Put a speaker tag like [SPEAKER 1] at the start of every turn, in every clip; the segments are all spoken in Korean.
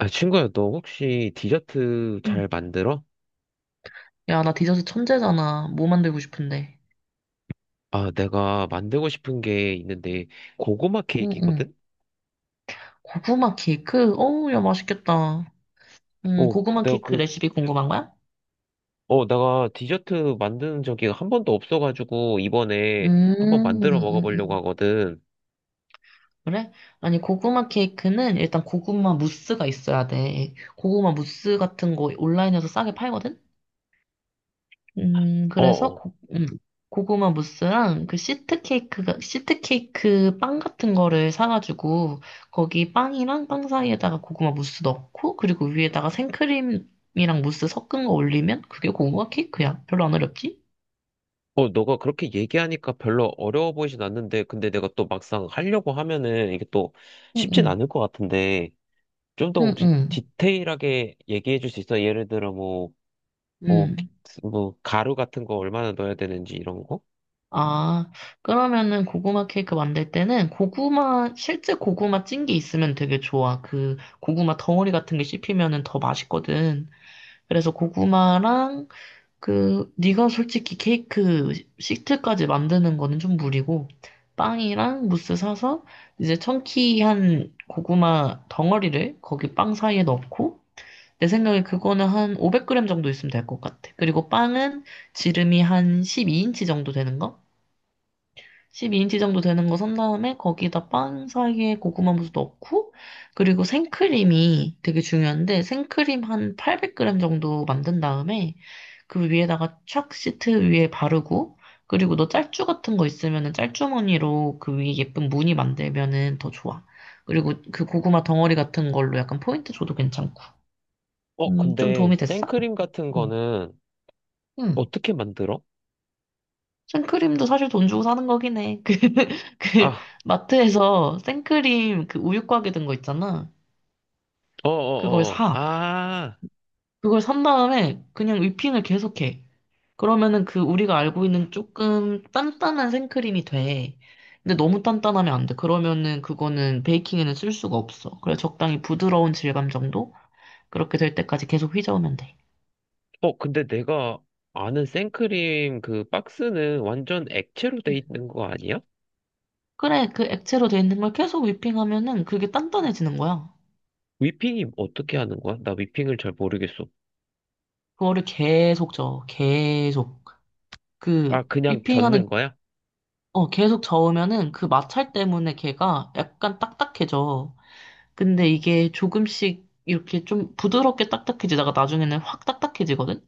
[SPEAKER 1] 아, 친구야, 너 혹시 디저트
[SPEAKER 2] 응.
[SPEAKER 1] 잘 만들어?
[SPEAKER 2] 야, 나 디저트 천재잖아. 뭐 만들고 싶은데.
[SPEAKER 1] 아, 내가 만들고 싶은 게 있는데, 고구마
[SPEAKER 2] 응, 응.
[SPEAKER 1] 케이크거든?
[SPEAKER 2] 고구마 케이크? 어우, 야, 맛있겠다. 응,
[SPEAKER 1] 어,
[SPEAKER 2] 고구마
[SPEAKER 1] 내가
[SPEAKER 2] 케이크
[SPEAKER 1] 그,
[SPEAKER 2] 레시피 궁금한 거야?
[SPEAKER 1] 내가 디저트 만드는 적이 한 번도 없어가지고,
[SPEAKER 2] 음,
[SPEAKER 1] 이번에 한번 만들어
[SPEAKER 2] 음,
[SPEAKER 1] 먹어보려고
[SPEAKER 2] 음.
[SPEAKER 1] 하거든.
[SPEAKER 2] 그래? 아니, 고구마 케이크는 일단 고구마 무스가 있어야 돼. 고구마 무스 같은 거 온라인에서 싸게 팔거든?
[SPEAKER 1] 어,
[SPEAKER 2] 그래서
[SPEAKER 1] 어,
[SPEAKER 2] 고구마 무스랑 그 시트 케이크가 시트 케이크 빵 같은 거를 사가지고 거기 빵이랑 빵 사이에다가 고구마 무스 넣고 그리고 위에다가 생크림이랑 무스 섞은 거 올리면 그게 고구마 케이크야. 별로 안 어렵지?
[SPEAKER 1] 너가 그렇게 얘기하니까 별로 어려워 보이진 않는데, 근데 내가 또 막상 하려고 하면은 이게 또 쉽진
[SPEAKER 2] 응응.
[SPEAKER 1] 않을 것 같은데, 좀 더 혹시
[SPEAKER 2] 응응.
[SPEAKER 1] 디테일하게 얘기해 줄 수 있어? 예를 들어 뭐,
[SPEAKER 2] 음.
[SPEAKER 1] 뭐, 가루 같은 거 얼마나 넣어야 되는지 이런 거?
[SPEAKER 2] 아, 그러면은 고구마 케이크 만들 때는 고구마 실제 고구마 찐 게 있으면 되게 좋아. 그 고구마 덩어리 같은 게 씹히면은 더 맛있거든. 그래서 고구마랑 그 네가 솔직히 케이크 시트까지 만드는 거는 좀 무리고 빵이랑 무스 사서 이제 청키한 고구마 덩어리를 거기 빵 사이에 넣고 내 생각에 그거는 한 500g 정도 있으면 될 것 같아. 그리고 빵은 지름이 한 12인치 정도 되는 거? 12인치 정도 되는 거 산 다음에 거기다 빵 사이에 고구마 무스 넣고 그리고 생크림이 되게 중요한데 생크림 한 800g 정도 만든 다음에 그 위에다가 촥 시트 위에 바르고 그리고 너 짤주 같은 거 있으면은 짤주머니로 그 위에 예쁜 무늬 만들면은 더 좋아. 그리고 그 고구마 덩어리 같은 걸로 약간 포인트 줘도 괜찮고.
[SPEAKER 1] 어,
[SPEAKER 2] 좀
[SPEAKER 1] 근데
[SPEAKER 2] 도움이 됐어?
[SPEAKER 1] 생크림 같은
[SPEAKER 2] 응.
[SPEAKER 1] 거는
[SPEAKER 2] 응.
[SPEAKER 1] 어떻게 만들어?
[SPEAKER 2] 생크림도 사실 돈 주고 사는 거긴 해. 그,
[SPEAKER 1] 아,
[SPEAKER 2] 마트에서 생크림 그 우유 곽에 든 거 있잖아. 그걸
[SPEAKER 1] 어어어.
[SPEAKER 2] 사.
[SPEAKER 1] 아,
[SPEAKER 2] 그걸 산 다음에 그냥 whipping을 계속해. 그러면은 그 우리가 알고 있는 조금 단단한 생크림이 돼. 근데 너무 단단하면 안 돼. 그러면은 그거는 베이킹에는 쓸 수가 없어. 그래, 적당히 부드러운 질감 정도? 그렇게 될 때까지 계속 휘저으면 돼.
[SPEAKER 1] 어, 근데 내가 아는 생크림 그 박스는 완전 액체로 돼
[SPEAKER 2] 음.
[SPEAKER 1] 있는 거 아니야?
[SPEAKER 2] 그래, 그 액체로 돼 있는 걸 계속 w 핑 하면은 그게 단단해지는 거야.
[SPEAKER 1] 위핑이 어떻게 하는 거야? 나 위핑을 잘 모르겠어.
[SPEAKER 2] 그거를 계속 저어, 계속. 그
[SPEAKER 1] 아, 그냥
[SPEAKER 2] 위핑하는
[SPEAKER 1] 젓는 거야?
[SPEAKER 2] 계속 저으면은 그 마찰 때문에 걔가 약간 딱딱해져. 근데 이게 조금씩 이렇게 좀 부드럽게 딱딱해지다가 나중에는 확 딱딱해지거든.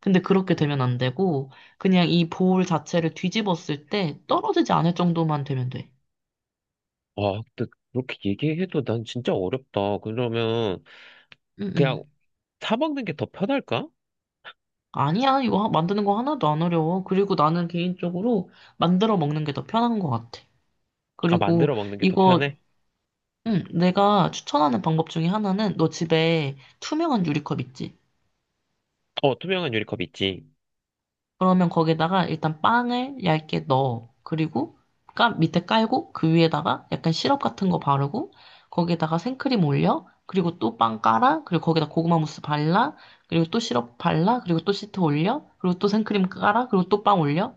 [SPEAKER 2] 근데 그렇게 되면 안 되고 그냥 이 볼 자체를 뒤집었을 때 떨어지지 않을 정도만 되면 돼.
[SPEAKER 1] 아, 근데 그렇게 얘기해도 난 진짜 어렵다. 그러면
[SPEAKER 2] 응응.
[SPEAKER 1] 그냥 사 먹는 게 더 편할까?
[SPEAKER 2] 아니야, 이거 만드는 거 하나도 안 어려워. 그리고 나는 개인적으로 만들어 먹는 게 더 편한 것 같아.
[SPEAKER 1] 아,
[SPEAKER 2] 그리고
[SPEAKER 1] 만들어 먹는 게 더
[SPEAKER 2] 이거
[SPEAKER 1] 편해?
[SPEAKER 2] 응, 내가 추천하는 방법 중에 하나는 너 집에 투명한 유리컵 있지?
[SPEAKER 1] 어, 투명한 유리컵 있지.
[SPEAKER 2] 그러면 거기다가 일단 빵을 얇게 넣어. 그리고 까, 밑에 깔고 그 위에다가 약간 시럽 같은 거 바르고 거기에다가 생크림 올려. 그리고 또 빵 깔아. 그리고 거기다 고구마 무스 발라. 그리고 또 시럽 발라. 그리고 또 시트 올려. 그리고 또 생크림 깔아. 그리고 또 빵 올려.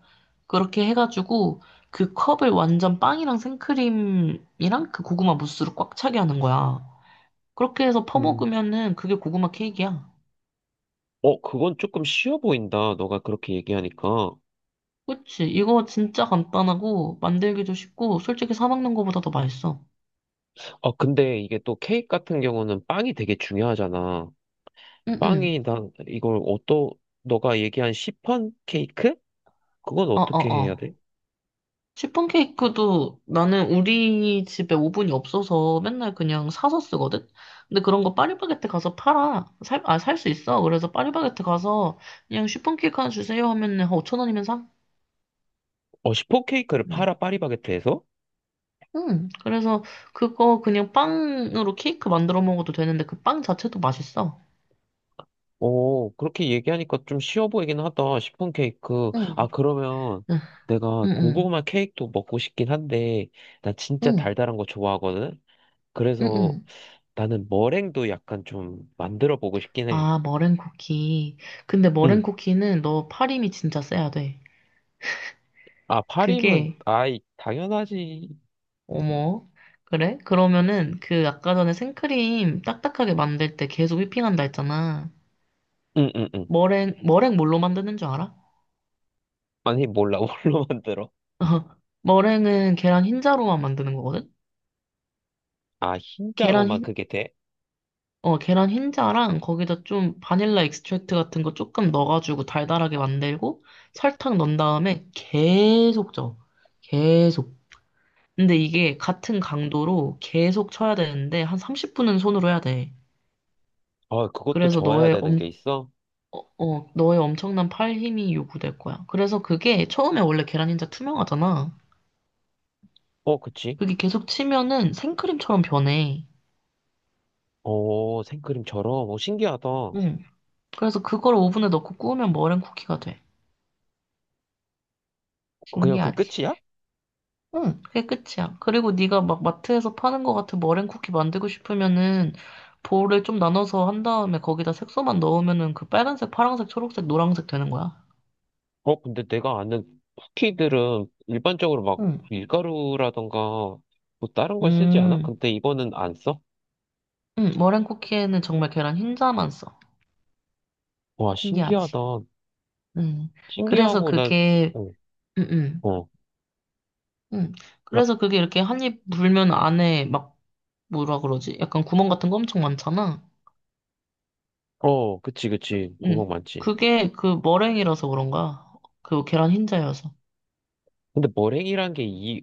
[SPEAKER 2] 그렇게 해가지고 그 컵을 완전 빵이랑 생크림이랑 그 고구마 무스로 꽉 차게 하는 거야. 그렇게 해서
[SPEAKER 1] 음.
[SPEAKER 2] 퍼먹으면은 그게 고구마 케이크야.
[SPEAKER 1] 어, 그건 조금 쉬워 보인다. 너가 그렇게 얘기하니까.
[SPEAKER 2] 그치? 이거 진짜 간단하고 만들기도 쉽고 솔직히 사 먹는 거보다 더 맛있어.
[SPEAKER 1] 어, 근데 이게 또 케이크 같은 경우는 빵이 되게 중요하잖아.
[SPEAKER 2] 응응.
[SPEAKER 1] 빵이, 난 이걸 어떠, 너가 얘기한 시폰 케이크? 그건 어떻게
[SPEAKER 2] 어어어.
[SPEAKER 1] 해야 돼?
[SPEAKER 2] 시폰 케이크도 나는 우리 집에 오븐이 없어서 맨날 그냥 사서 쓰거든? 근데 그런 거 파리바게뜨 가서 팔아. 아, 살 수 있어. 그래서 파리바게뜨 가서 그냥 시폰 케이크 하나 주세요 하면은 한 5천 원이면 사.
[SPEAKER 1] 어, 시폰 케이크를
[SPEAKER 2] 응.
[SPEAKER 1] 팔아, 파리바게트에서?
[SPEAKER 2] 응. 그래서 그거 그냥 빵으로 케이크 만들어 먹어도 되는데 그 빵 자체도 맛있어.
[SPEAKER 1] 오 그렇게 얘기하니까 좀 쉬워 보이긴 하다. 시폰 케이크. 아,
[SPEAKER 2] 응.
[SPEAKER 1] 그러면 내가
[SPEAKER 2] 응, 응,
[SPEAKER 1] 고구마 케이크도 먹고 싶긴 한데, 나 진짜
[SPEAKER 2] 응,
[SPEAKER 1] 달달한 거 좋아하거든?
[SPEAKER 2] 응.
[SPEAKER 1] 그래서
[SPEAKER 2] 응.
[SPEAKER 1] 나는 머랭도 약간 좀 만들어 보고 싶긴 해.
[SPEAKER 2] 아, 머랭 쿠키. 근데 머랭
[SPEAKER 1] 응.
[SPEAKER 2] 쿠키는 너 파림이 진짜 세야 돼.
[SPEAKER 1] 아, 파림은,
[SPEAKER 2] 그게,
[SPEAKER 1] 아이, 당연하지.
[SPEAKER 2] 어머. 그래? 그러면은 그 아까 전에 생크림 딱딱하게 만들 때 계속 휘핑한다 했잖아.
[SPEAKER 1] 응, 응, 응.
[SPEAKER 2] 머랭, 뭘로 만드는 줄 알아?
[SPEAKER 1] 아니, 몰라. 뭘로 만들어?
[SPEAKER 2] 머랭은 계란 흰자로만 만드는 거거든?
[SPEAKER 1] 아,
[SPEAKER 2] 계란
[SPEAKER 1] 흰자로만
[SPEAKER 2] 흰,
[SPEAKER 1] 그게 돼?
[SPEAKER 2] 계란 흰자랑 거기다 좀 바닐라 익스트랙트 같은 거 조금 넣어가지고 달달하게 만들고 설탕 넣은 다음에 계속 쪄. 계속. 근데 이게 같은 강도로 계속 쳐야 되는데 한 30분은 손으로 해야 돼.
[SPEAKER 1] 아, 그것도
[SPEAKER 2] 그래서
[SPEAKER 1] 저어야
[SPEAKER 2] 너의
[SPEAKER 1] 되는
[SPEAKER 2] 엄,
[SPEAKER 1] 게 있어?
[SPEAKER 2] 어, 어, 너의 엄청난 팔 힘이 요구될 거야. 그래서 그게 처음에 원래 계란 흰자 투명하잖아.
[SPEAKER 1] 어, 그치?
[SPEAKER 2] 그게 계속 치면은 생크림처럼 변해.
[SPEAKER 1] 어, 생크림처럼. 어, 신기하다.
[SPEAKER 2] 응. 그래서 그걸 오븐에 넣고 구우면 머랭 쿠키가 돼.
[SPEAKER 1] 그냥 그
[SPEAKER 2] 신기하지?
[SPEAKER 1] 끝이야?
[SPEAKER 2] 응, 그게 끝이야. 그리고 네가 막 마트에서 파는 거 같은 머랭 쿠키 만들고 싶으면은 볼을 좀 나눠서 한 다음에 거기다 색소만 넣으면은 그 빨간색, 파란색, 초록색, 노란색 되는 거야.
[SPEAKER 1] 어, 근데 내가 아는 쿠키들은 일반적으로 막
[SPEAKER 2] 응.
[SPEAKER 1] 밀가루라던가 뭐 다른 걸 쓰지 않아?
[SPEAKER 2] 음,
[SPEAKER 1] 근데 이거는 안 써?
[SPEAKER 2] 머랭 쿠키에는 정말 계란 흰자만 써.
[SPEAKER 1] 와,
[SPEAKER 2] 신기하지.
[SPEAKER 1] 신기하다.
[SPEAKER 2] 음, 그래서
[SPEAKER 1] 신기하고, 나,
[SPEAKER 2] 그게,
[SPEAKER 1] 어,
[SPEAKER 2] 음, 음,
[SPEAKER 1] 어,
[SPEAKER 2] 음.
[SPEAKER 1] 막,
[SPEAKER 2] 그래서 그게 이렇게 한입 물면 안에 막, 뭐라 그러지? 약간 구멍 같은 거 엄청 많잖아.
[SPEAKER 1] 어, 그치. 구멍 많지.
[SPEAKER 2] 그게 그 머랭이라서 그런가? 그 계란 흰자여서.
[SPEAKER 1] 근데 머랭이란 게 이,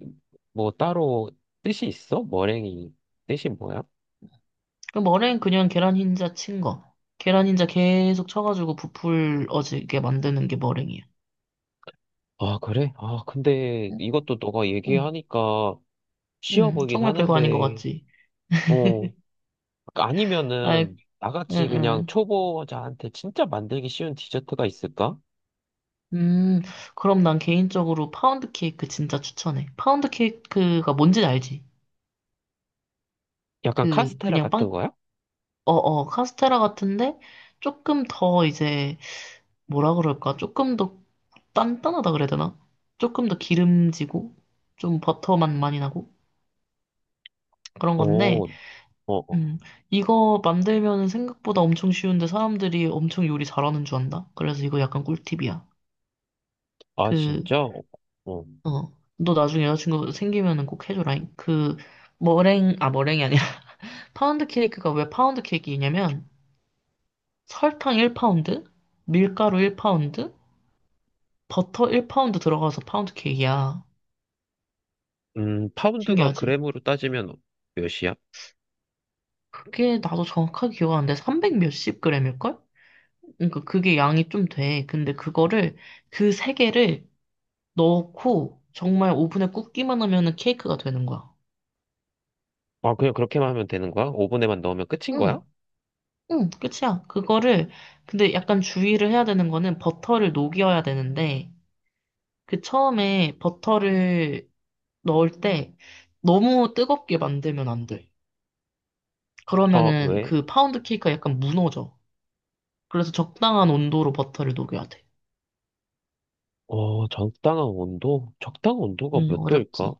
[SPEAKER 1] 뭐 따로 뜻이 있어? 머랭이 뜻이 뭐야?
[SPEAKER 2] 그 머랭 그냥 계란 흰자 친 거. 계란 흰자 계속 쳐가지고 부풀어지게 만드는 게 머랭이야.
[SPEAKER 1] 아, 그래? 아, 근데
[SPEAKER 2] 응,
[SPEAKER 1] 이것도 너가
[SPEAKER 2] 응,
[SPEAKER 1] 얘기하니까 쉬워
[SPEAKER 2] 응.
[SPEAKER 1] 보이긴
[SPEAKER 2] 정말 별거 아닌 것
[SPEAKER 1] 하는데,
[SPEAKER 2] 같지?
[SPEAKER 1] 어,
[SPEAKER 2] 아이,
[SPEAKER 1] 아니면은
[SPEAKER 2] 응,
[SPEAKER 1] 나같이 그냥
[SPEAKER 2] 응.
[SPEAKER 1] 초보자한테 진짜 만들기 쉬운 디저트가 있을까?
[SPEAKER 2] 음, 그럼 난 개인적으로 파운드 케이크 진짜 추천해. 파운드 케이크가 뭔지 알지?
[SPEAKER 1] 약간 카스테라
[SPEAKER 2] 그냥
[SPEAKER 1] 같은
[SPEAKER 2] 빵,
[SPEAKER 1] 거야?
[SPEAKER 2] 카스테라 같은데, 조금 더 이제, 뭐라 그럴까? 조금 더 단단하다 그래야 되나? 조금 더 기름지고, 좀 버터 맛 많이 나고, 그런
[SPEAKER 1] 오
[SPEAKER 2] 건데,
[SPEAKER 1] 어.
[SPEAKER 2] 음, 이거 만들면 생각보다 엄청 쉬운데 사람들이 엄청 요리 잘하는 줄 안다? 그래서 이거 약간 꿀팁이야.
[SPEAKER 1] 아,
[SPEAKER 2] 그,
[SPEAKER 1] 진짜? 어.
[SPEAKER 2] 너 나중에 여자친구 생기면은 꼭 해줘라잉. 아, 머랭이 아니라, 파운드 케이크가 왜 파운드 케이크이냐면, 설탕 1파운드, 밀가루 1파운드, 버터 1파운드 들어가서 파운드 케이크야.
[SPEAKER 1] 파운드가
[SPEAKER 2] 신기하지?
[SPEAKER 1] 그램으로 따지면 몇이야?
[SPEAKER 2] 그게 나도 정확하게 기억 안 돼. 300 몇십 그램일걸? 그러니까 그게 양이 좀 돼. 근데 그거를, 그 세 개를 넣고, 정말 오븐에 굽기만 하면은 케이크가 되는 거야.
[SPEAKER 1] 아, 그냥 그렇게만 하면 되는 거야? 오븐에만 넣으면 끝인
[SPEAKER 2] 응.
[SPEAKER 1] 거야?
[SPEAKER 2] 응, 끝이야. 그거를, 근데 약간 주의를 해야 되는 거는 버터를 녹여야 되는데, 그 처음에 버터를 넣을 때 너무 뜨겁게 만들면 안 돼.
[SPEAKER 1] 아,
[SPEAKER 2] 그러면은
[SPEAKER 1] 왜?
[SPEAKER 2] 그 파운드 케이크가 약간 무너져. 그래서 적당한 온도로 버터를 녹여야 돼.
[SPEAKER 1] 어, 적당한 온도? 적당한 온도가
[SPEAKER 2] 응,
[SPEAKER 1] 몇 도일까?
[SPEAKER 2] 어렵지.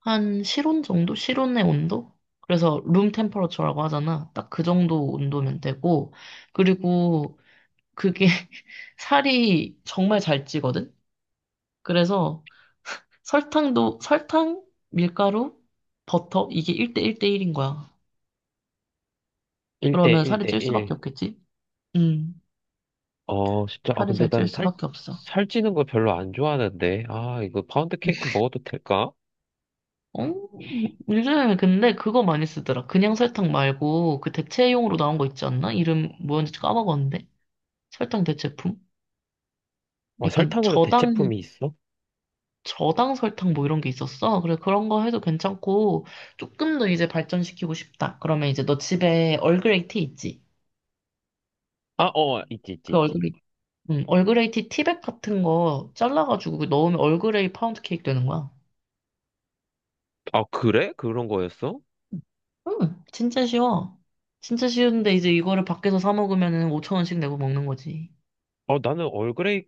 [SPEAKER 2] 한 실온 정도? 실온의 온도? 그래서 룸 템퍼러처라고 하잖아. 딱 그 정도 온도면 되고, 그리고 그게 살이 정말 잘 찌거든? 그래서 설탕, 밀가루, 버터, 이게 1대 1대 1인 거야.
[SPEAKER 1] 1대
[SPEAKER 2] 그러면
[SPEAKER 1] 1대
[SPEAKER 2] 살이 찔 수밖에
[SPEAKER 1] 1.
[SPEAKER 2] 없겠지? 음,
[SPEAKER 1] 어, 진짜. 아,
[SPEAKER 2] 살이
[SPEAKER 1] 근데
[SPEAKER 2] 잘 찔
[SPEAKER 1] 난 살,
[SPEAKER 2] 수밖에 없어.
[SPEAKER 1] 살찌는 거 별로 안 좋아하는데. 아, 이거 파운드 케이크 먹어도 될까?
[SPEAKER 2] 어, 요즘에 근데 그거 많이 쓰더라. 그냥 설탕 말고 그 대체용으로 나온 거 있지 않나? 이름 뭐였는지 까먹었는데. 설탕 대체품?
[SPEAKER 1] 어,
[SPEAKER 2] 약간
[SPEAKER 1] 설탕으로
[SPEAKER 2] 저당,
[SPEAKER 1] 대체품이 있어?
[SPEAKER 2] 저당 설탕 뭐 이런 게 있었어. 그래, 그런 거 해도 괜찮고, 조금 더 이제 발전시키고 싶다. 그러면 이제 너 집에 얼그레이 티 있지?
[SPEAKER 1] 아, 어,
[SPEAKER 2] 그
[SPEAKER 1] 있지.
[SPEAKER 2] 얼그레이 티 티백 같은 거 잘라가지고 그 넣으면 얼그레이 파운드 케이크 되는 거야.
[SPEAKER 1] 아, 그래? 그런 거였어?
[SPEAKER 2] 진짜 쉬워. 진짜 쉬운데 이제 이거를 밖에서 사 먹으면은 5천 원씩 내고 먹는 거지.
[SPEAKER 1] 어, 나는 얼그레이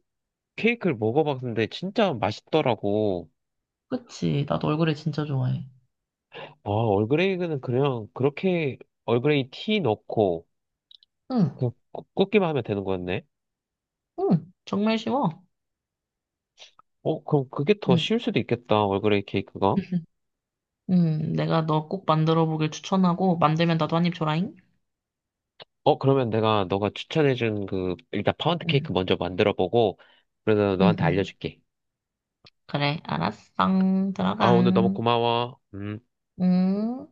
[SPEAKER 1] 케이크를 먹어봤는데 진짜 맛있더라고.
[SPEAKER 2] 그치? 나도 얼그레이 진짜 좋아해.
[SPEAKER 1] 아, 얼그레이는 그냥 그렇게 얼그레이 티 넣고
[SPEAKER 2] 응,
[SPEAKER 1] 그냥 굽- 굽기만 하면 되는 거였네.
[SPEAKER 2] 응, 정말 쉬워.
[SPEAKER 1] 어, 그럼 그게 더
[SPEAKER 2] 응,
[SPEAKER 1] 쉬울 수도 있겠다, 얼그레이 케이크가.
[SPEAKER 2] 응, 내가 너 꼭 만들어 보길 추천하고 만들면 나도 한입 줘라잉.
[SPEAKER 1] 어, 그러면 내가 너가 추천해준 그, 일단 파운드
[SPEAKER 2] 응,
[SPEAKER 1] 케이크 먼저 만들어 보고, 그래서
[SPEAKER 2] 응,
[SPEAKER 1] 너한테
[SPEAKER 2] 응.
[SPEAKER 1] 알려줄게.
[SPEAKER 2] 그래, 알았어.
[SPEAKER 1] 아,
[SPEAKER 2] 들어가.
[SPEAKER 1] 오늘 너무 고마워. 음.
[SPEAKER 2] 응.